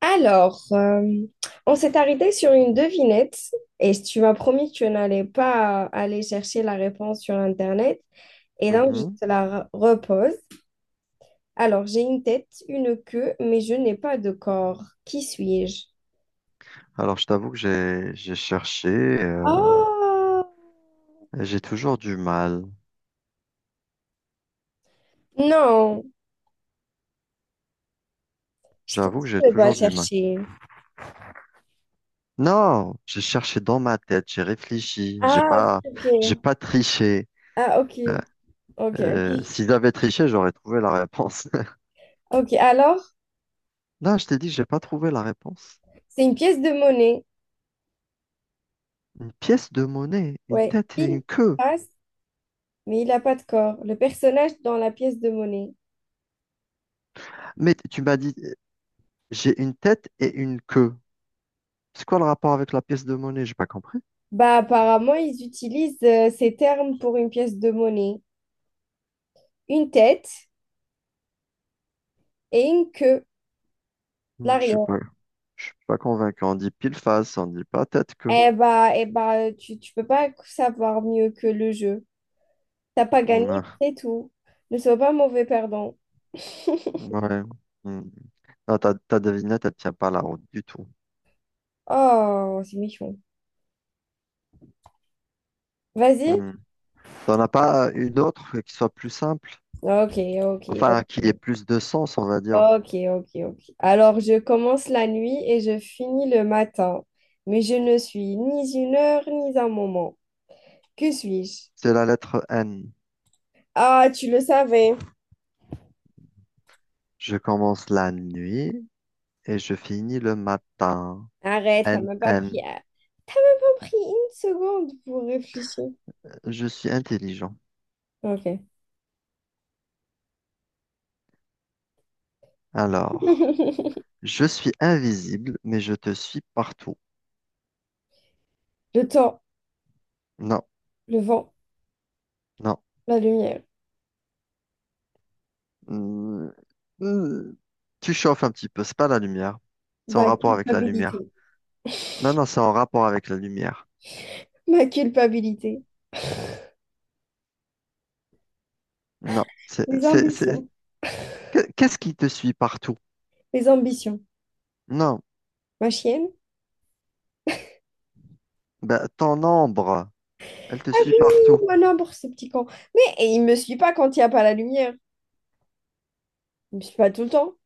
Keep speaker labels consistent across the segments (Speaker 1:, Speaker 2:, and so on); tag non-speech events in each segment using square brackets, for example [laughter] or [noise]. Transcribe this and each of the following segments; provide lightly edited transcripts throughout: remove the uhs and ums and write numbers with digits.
Speaker 1: Alors, on s'est arrêté sur une devinette et tu m'as promis que tu n'allais pas aller chercher la réponse sur Internet et donc je
Speaker 2: Mhm.
Speaker 1: te la repose. Alors, j'ai une tête, une queue, mais je n'ai pas de corps. Qui suis-je?
Speaker 2: Alors, je t'avoue que j'ai cherché, euh,
Speaker 1: Oh!
Speaker 2: et j'ai toujours du mal.
Speaker 1: Non, je t'ai
Speaker 2: J'avoue que
Speaker 1: dit
Speaker 2: j'ai
Speaker 1: de pas
Speaker 2: toujours du mal.
Speaker 1: chercher.
Speaker 2: Non, j'ai cherché dans ma tête, j'ai réfléchi,
Speaker 1: Ah,
Speaker 2: j'ai
Speaker 1: ok.
Speaker 2: pas triché.
Speaker 1: Ah, ok.
Speaker 2: Euh,
Speaker 1: Ok.
Speaker 2: S'ils avaient triché, j'aurais trouvé la réponse. [laughs]
Speaker 1: Ok, alors,
Speaker 2: Là, je t'ai dit, j'ai pas trouvé la réponse.
Speaker 1: c'est une pièce de monnaie.
Speaker 2: Une pièce de monnaie, une
Speaker 1: Ouais,
Speaker 2: tête et
Speaker 1: pile,
Speaker 2: une queue.
Speaker 1: face, mais il n'a pas de corps. Le personnage dans la pièce de monnaie.
Speaker 2: Mais tu m'as dit, j'ai une tête et une queue. C'est quoi le rapport avec la pièce de monnaie? J'ai pas compris.
Speaker 1: Bah, apparemment, ils utilisent ces termes pour une pièce de monnaie. Une tête et une queue,
Speaker 2: Hmm, je suis
Speaker 1: l'arrière.
Speaker 2: pas, je suis pas convaincu. On dit pile face, on dit pas tête queue.
Speaker 1: Eh bah, tu peux pas savoir mieux que le jeu. T'as pas gagné,
Speaker 2: Hmm.
Speaker 1: c'est tout. Ne sois pas mauvais perdant. [laughs]
Speaker 2: Ouais. Hmm. Non, ta devinette, elle tient pas la route du tout.
Speaker 1: Oh, c'est mignon. Vas-y.
Speaker 2: Hmm. T'en as pas une autre qui soit plus simple?
Speaker 1: Ok, ok,
Speaker 2: Enfin, qui ait
Speaker 1: ok.
Speaker 2: plus de sens, on va dire.
Speaker 1: Ok, ok, ok. Alors, je commence la nuit et je finis le matin. Mais je ne suis ni une heure ni un moment. Que suis-je?
Speaker 2: C'est la lettre N.
Speaker 1: Ah, tu le savais.
Speaker 2: Je commence la nuit et je finis le matin.
Speaker 1: Arrête, t'as
Speaker 2: N,
Speaker 1: même pas
Speaker 2: N.
Speaker 1: pris, ah, pas pris une seconde pour réfléchir.
Speaker 2: Je suis intelligent.
Speaker 1: Ok.
Speaker 2: Alors,
Speaker 1: [laughs]
Speaker 2: je suis invisible, mais je te suis partout.
Speaker 1: Le temps,
Speaker 2: Non,
Speaker 1: le vent,
Speaker 2: non.
Speaker 1: la lumière,
Speaker 2: Hmm. Hmm. Tu chauffes un petit peu, c'est pas la lumière. C'est
Speaker 1: ma
Speaker 2: en rapport avec la
Speaker 1: culpabilité,
Speaker 2: lumière. Non, non, c'est en rapport avec la lumière.
Speaker 1: ma culpabilité,
Speaker 2: Non.
Speaker 1: mes ambitions,
Speaker 2: Qu'est-ce qui te suit partout?
Speaker 1: mes ambitions,
Speaker 2: Non.
Speaker 1: ma chienne.
Speaker 2: Ben, ton ombre, elle te
Speaker 1: Ah
Speaker 2: suit partout.
Speaker 1: oui, mon amour, ce petit con. Mais et il me suit pas quand il n'y a pas la lumière. Il me suit pas tout le temps.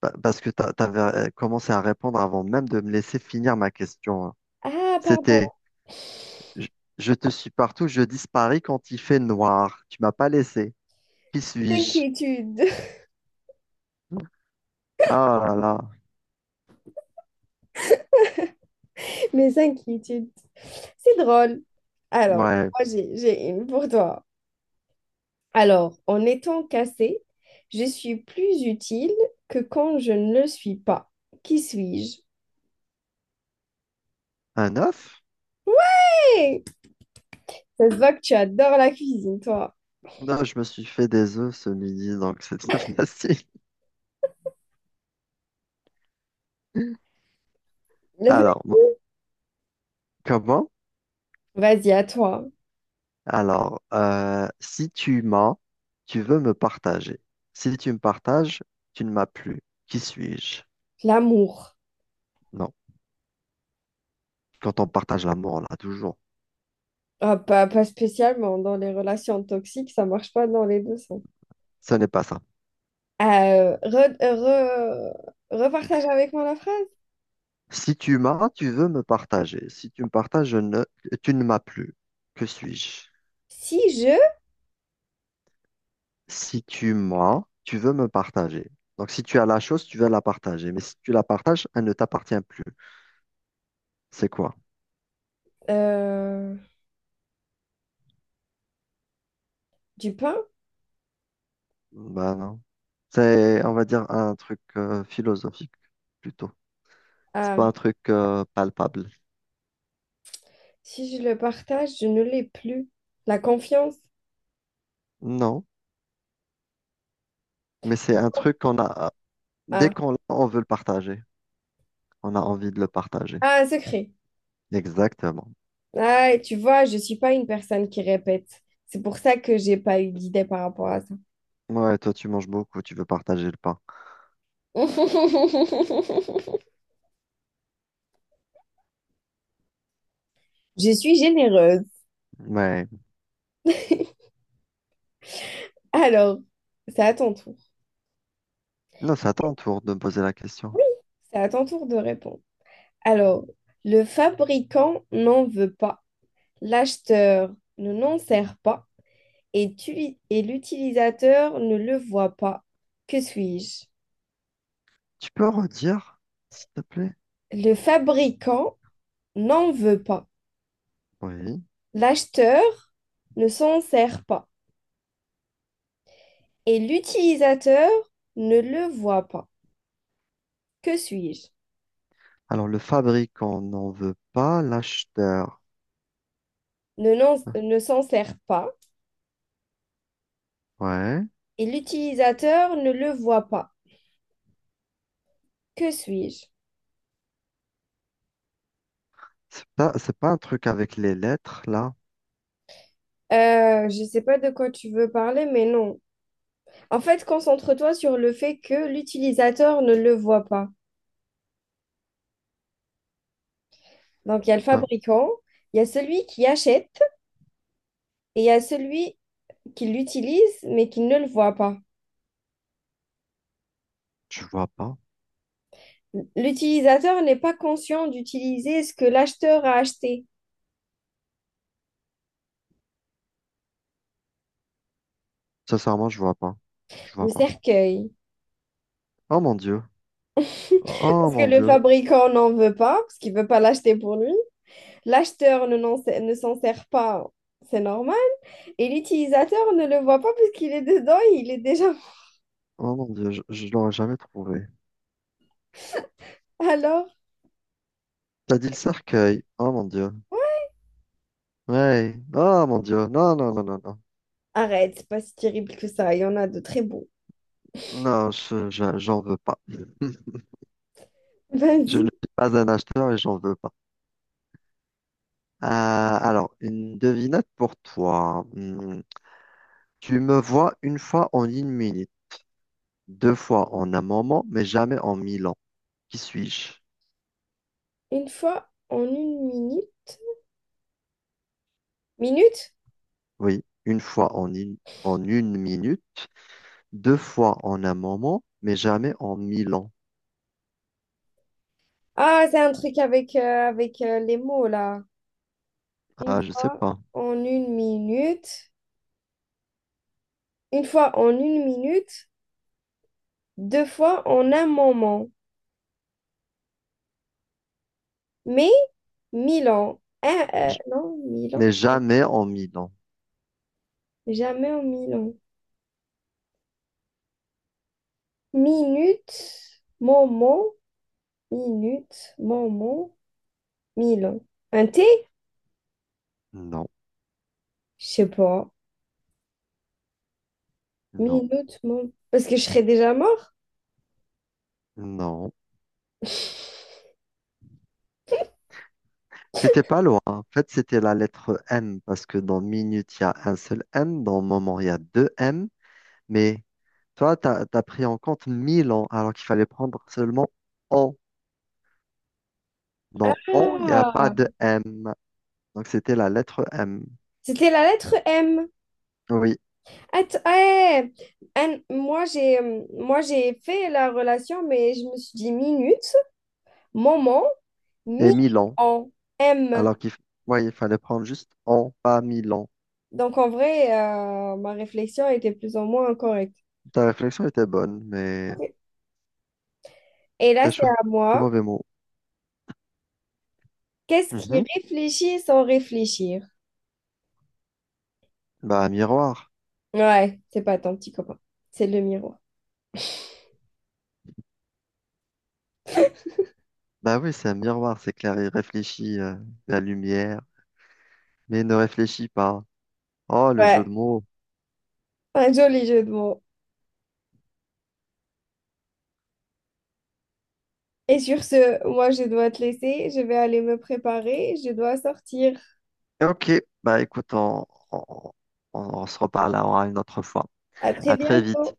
Speaker 2: Parce que tu avais commencé à répondre avant même de me laisser finir ma question, hein.
Speaker 1: Ah,
Speaker 2: C'était,
Speaker 1: pardon,
Speaker 2: je, je te suis partout, je disparais quand il fait noir. Tu m'as pas laissé. Qui
Speaker 1: mes
Speaker 2: suis-je?
Speaker 1: inquiétudes,
Speaker 2: Ah là là.
Speaker 1: [laughs] mes inquiétudes. C'est drôle. Alors,
Speaker 2: Ouais.
Speaker 1: moi, j'ai une pour toi. Alors, en étant cassée, je suis plus utile que quand je ne le suis pas. Qui suis-je?
Speaker 2: Un œuf?
Speaker 1: Hey, ça se voit que tu adores la cuisine, toi.
Speaker 2: Non, je me suis fait des œufs ce midi, donc c'était [laughs] facile.
Speaker 1: Le fait-
Speaker 2: Alors, comment?
Speaker 1: Vas-y, à toi.
Speaker 2: Alors, si tu m'as, tu veux me partager. Si tu me partages, tu ne m'as plus. Qui suis-je?
Speaker 1: L'amour.
Speaker 2: Non. Quand on partage l'amour, là, toujours.
Speaker 1: Ah, pas spécialement. Dans les relations toxiques, ça marche pas dans les deux sens.
Speaker 2: Ce n'est pas ça.
Speaker 1: Repartage avec moi la phrase.
Speaker 2: Si tu m'as, tu veux me partager. Si tu me partages, je ne, tu ne m'as plus. Que suis-je?
Speaker 1: Si je…
Speaker 2: Si tu m'as, tu veux me partager. Donc, si tu as la chose, tu veux la partager. Mais si tu la partages, elle ne t'appartient plus. C'est quoi?
Speaker 1: euh, du pain?
Speaker 2: Ben non. C'est, on va dire, un truc philosophique plutôt. C'est
Speaker 1: Ah.
Speaker 2: pas un truc palpable.
Speaker 1: Si je le partage, je ne l'ai plus. La confiance?
Speaker 2: Non, mais c'est un truc qu'on a dès
Speaker 1: Ah.
Speaker 2: qu'on l'a, on veut le partager. On a envie de le partager.
Speaker 1: Ah, un secret.
Speaker 2: Exactement.
Speaker 1: Ah, et tu vois, je suis pas une personne qui répète. C'est pour ça que j'ai pas eu d'idée par rapport à ça.
Speaker 2: Ouais, toi tu manges beaucoup, tu veux partager le pain.
Speaker 1: [laughs] Je suis généreuse.
Speaker 2: Ouais.
Speaker 1: Alors, c'est à ton tour.
Speaker 2: Non, c'est à ton tour de me poser la question.
Speaker 1: C'est à ton tour de répondre. Alors, le fabricant n'en veut pas, l'acheteur ne n'en sert pas et l'utilisateur ne le voit pas. Que suis-je?
Speaker 2: Tu peux redire, s'il te plaît?
Speaker 1: Le fabricant n'en veut pas,
Speaker 2: Oui.
Speaker 1: l'acheteur ne s'en sert pas, et l'utilisateur ne le voit pas. Que suis-je?
Speaker 2: Alors le fabricant n'en veut pas, l'acheteur.
Speaker 1: Ne s'en sert pas
Speaker 2: Ouais.
Speaker 1: et l'utilisateur ne le voit pas. Que suis-je?
Speaker 2: C'est pas un truc avec les lettres là.
Speaker 1: Je sais pas de quoi tu veux parler, mais non. En fait, concentre-toi sur le fait que l'utilisateur ne le voit pas. Donc, il y a le
Speaker 2: Enfin,
Speaker 1: fabricant, il y a celui qui achète et il y a celui qui l'utilise, mais qui ne le voit pas.
Speaker 2: je vois pas.
Speaker 1: L'utilisateur n'est pas conscient d'utiliser ce que l'acheteur a acheté,
Speaker 2: Sincèrement, je vois pas. Je
Speaker 1: le
Speaker 2: vois pas.
Speaker 1: cercueil.
Speaker 2: Oh mon Dieu. Oh
Speaker 1: Parce
Speaker 2: mon
Speaker 1: que le
Speaker 2: Dieu.
Speaker 1: fabricant n'en veut pas, parce qu'il ne veut pas l'acheter pour lui. L'acheteur ne, n'en sait- ne s'en sert pas, c'est normal. Et l'utilisateur ne le voit pas parce qu'il est dedans et il est déjà…
Speaker 2: Oh mon dieu, je l'aurais jamais trouvé.
Speaker 1: Alors,
Speaker 2: T'as dit le cercueil. Oh mon dieu. Ouais. Oh mon dieu. Non, non, non, non, non.
Speaker 1: arrête, c'est pas si terrible que ça. Il y en a de très beaux.
Speaker 2: Non, j'en veux pas. Je ne
Speaker 1: Vas-y,
Speaker 2: suis pas un acheteur et j'en veux pas. Alors, une devinette pour toi. Hmm. Tu me vois une fois en une minute, deux fois en un moment, mais jamais en mille ans. Qui suis-je?
Speaker 1: une fois en une minute. Minute?
Speaker 2: Oui, une fois en une minute, deux fois en un moment, mais jamais en mille ans.
Speaker 1: Ah, c'est un truc avec, avec les mots, là. Une
Speaker 2: Ah, je sais
Speaker 1: fois
Speaker 2: pas.
Speaker 1: en une minute. Une fois en une minute. Deux fois en un moment. Mais Milan, hein,
Speaker 2: J-
Speaker 1: non, Milan,
Speaker 2: Mais jamais en mille ans.
Speaker 1: jamais en Milan. Minute, moment, minute, moment, Milan. Un T,
Speaker 2: Non,
Speaker 1: je sais pas.
Speaker 2: non,
Speaker 1: Minute, moment. Parce que je serais déjà mort.
Speaker 2: non. C'était pas loin. En fait, c'était la lettre M parce que dans minute, il y a un seul M. Dans moment, il y a deux M. Mais toi, t'as pris en compte 1000 ans alors qu'il fallait prendre seulement on. Dans on, il n'y a pas
Speaker 1: Ah,
Speaker 2: de M. Donc, c'était la lettre M.
Speaker 1: c'était la lettre M.
Speaker 2: Oui,
Speaker 1: Ouais. Moi j'ai fait la relation, mais je me suis dit minute, moment,
Speaker 2: et
Speaker 1: mi
Speaker 2: 1000 ans.
Speaker 1: en M.
Speaker 2: Alors qu'il f- ouais, il fallait prendre juste en, pas 1000 ans.
Speaker 1: Donc, en vrai, ma réflexion était plus ou moins correcte.
Speaker 2: Ta réflexion était bonne, mais
Speaker 1: Et là,
Speaker 2: t'as
Speaker 1: c'est
Speaker 2: choisi
Speaker 1: à
Speaker 2: le
Speaker 1: moi.
Speaker 2: mauvais mot.
Speaker 1: Qu'est-ce qui
Speaker 2: Mhm.
Speaker 1: réfléchit sans réfléchir?
Speaker 2: Bah, miroir.
Speaker 1: Ouais, c'est pas ton petit copain, c'est le miroir. [laughs]
Speaker 2: Bah oui, c'est un miroir, c'est clair. Il réfléchit la lumière, mais ne réfléchit pas. Oh, le jeu de
Speaker 1: Ouais,
Speaker 2: mots.
Speaker 1: un joli jeu de mots. Et sur ce, moi, je dois te laisser. Je vais aller me préparer. Je dois sortir.
Speaker 2: Ok, bah écoute, on- on se reparle là une autre fois.
Speaker 1: À très
Speaker 2: À très vite.
Speaker 1: bientôt.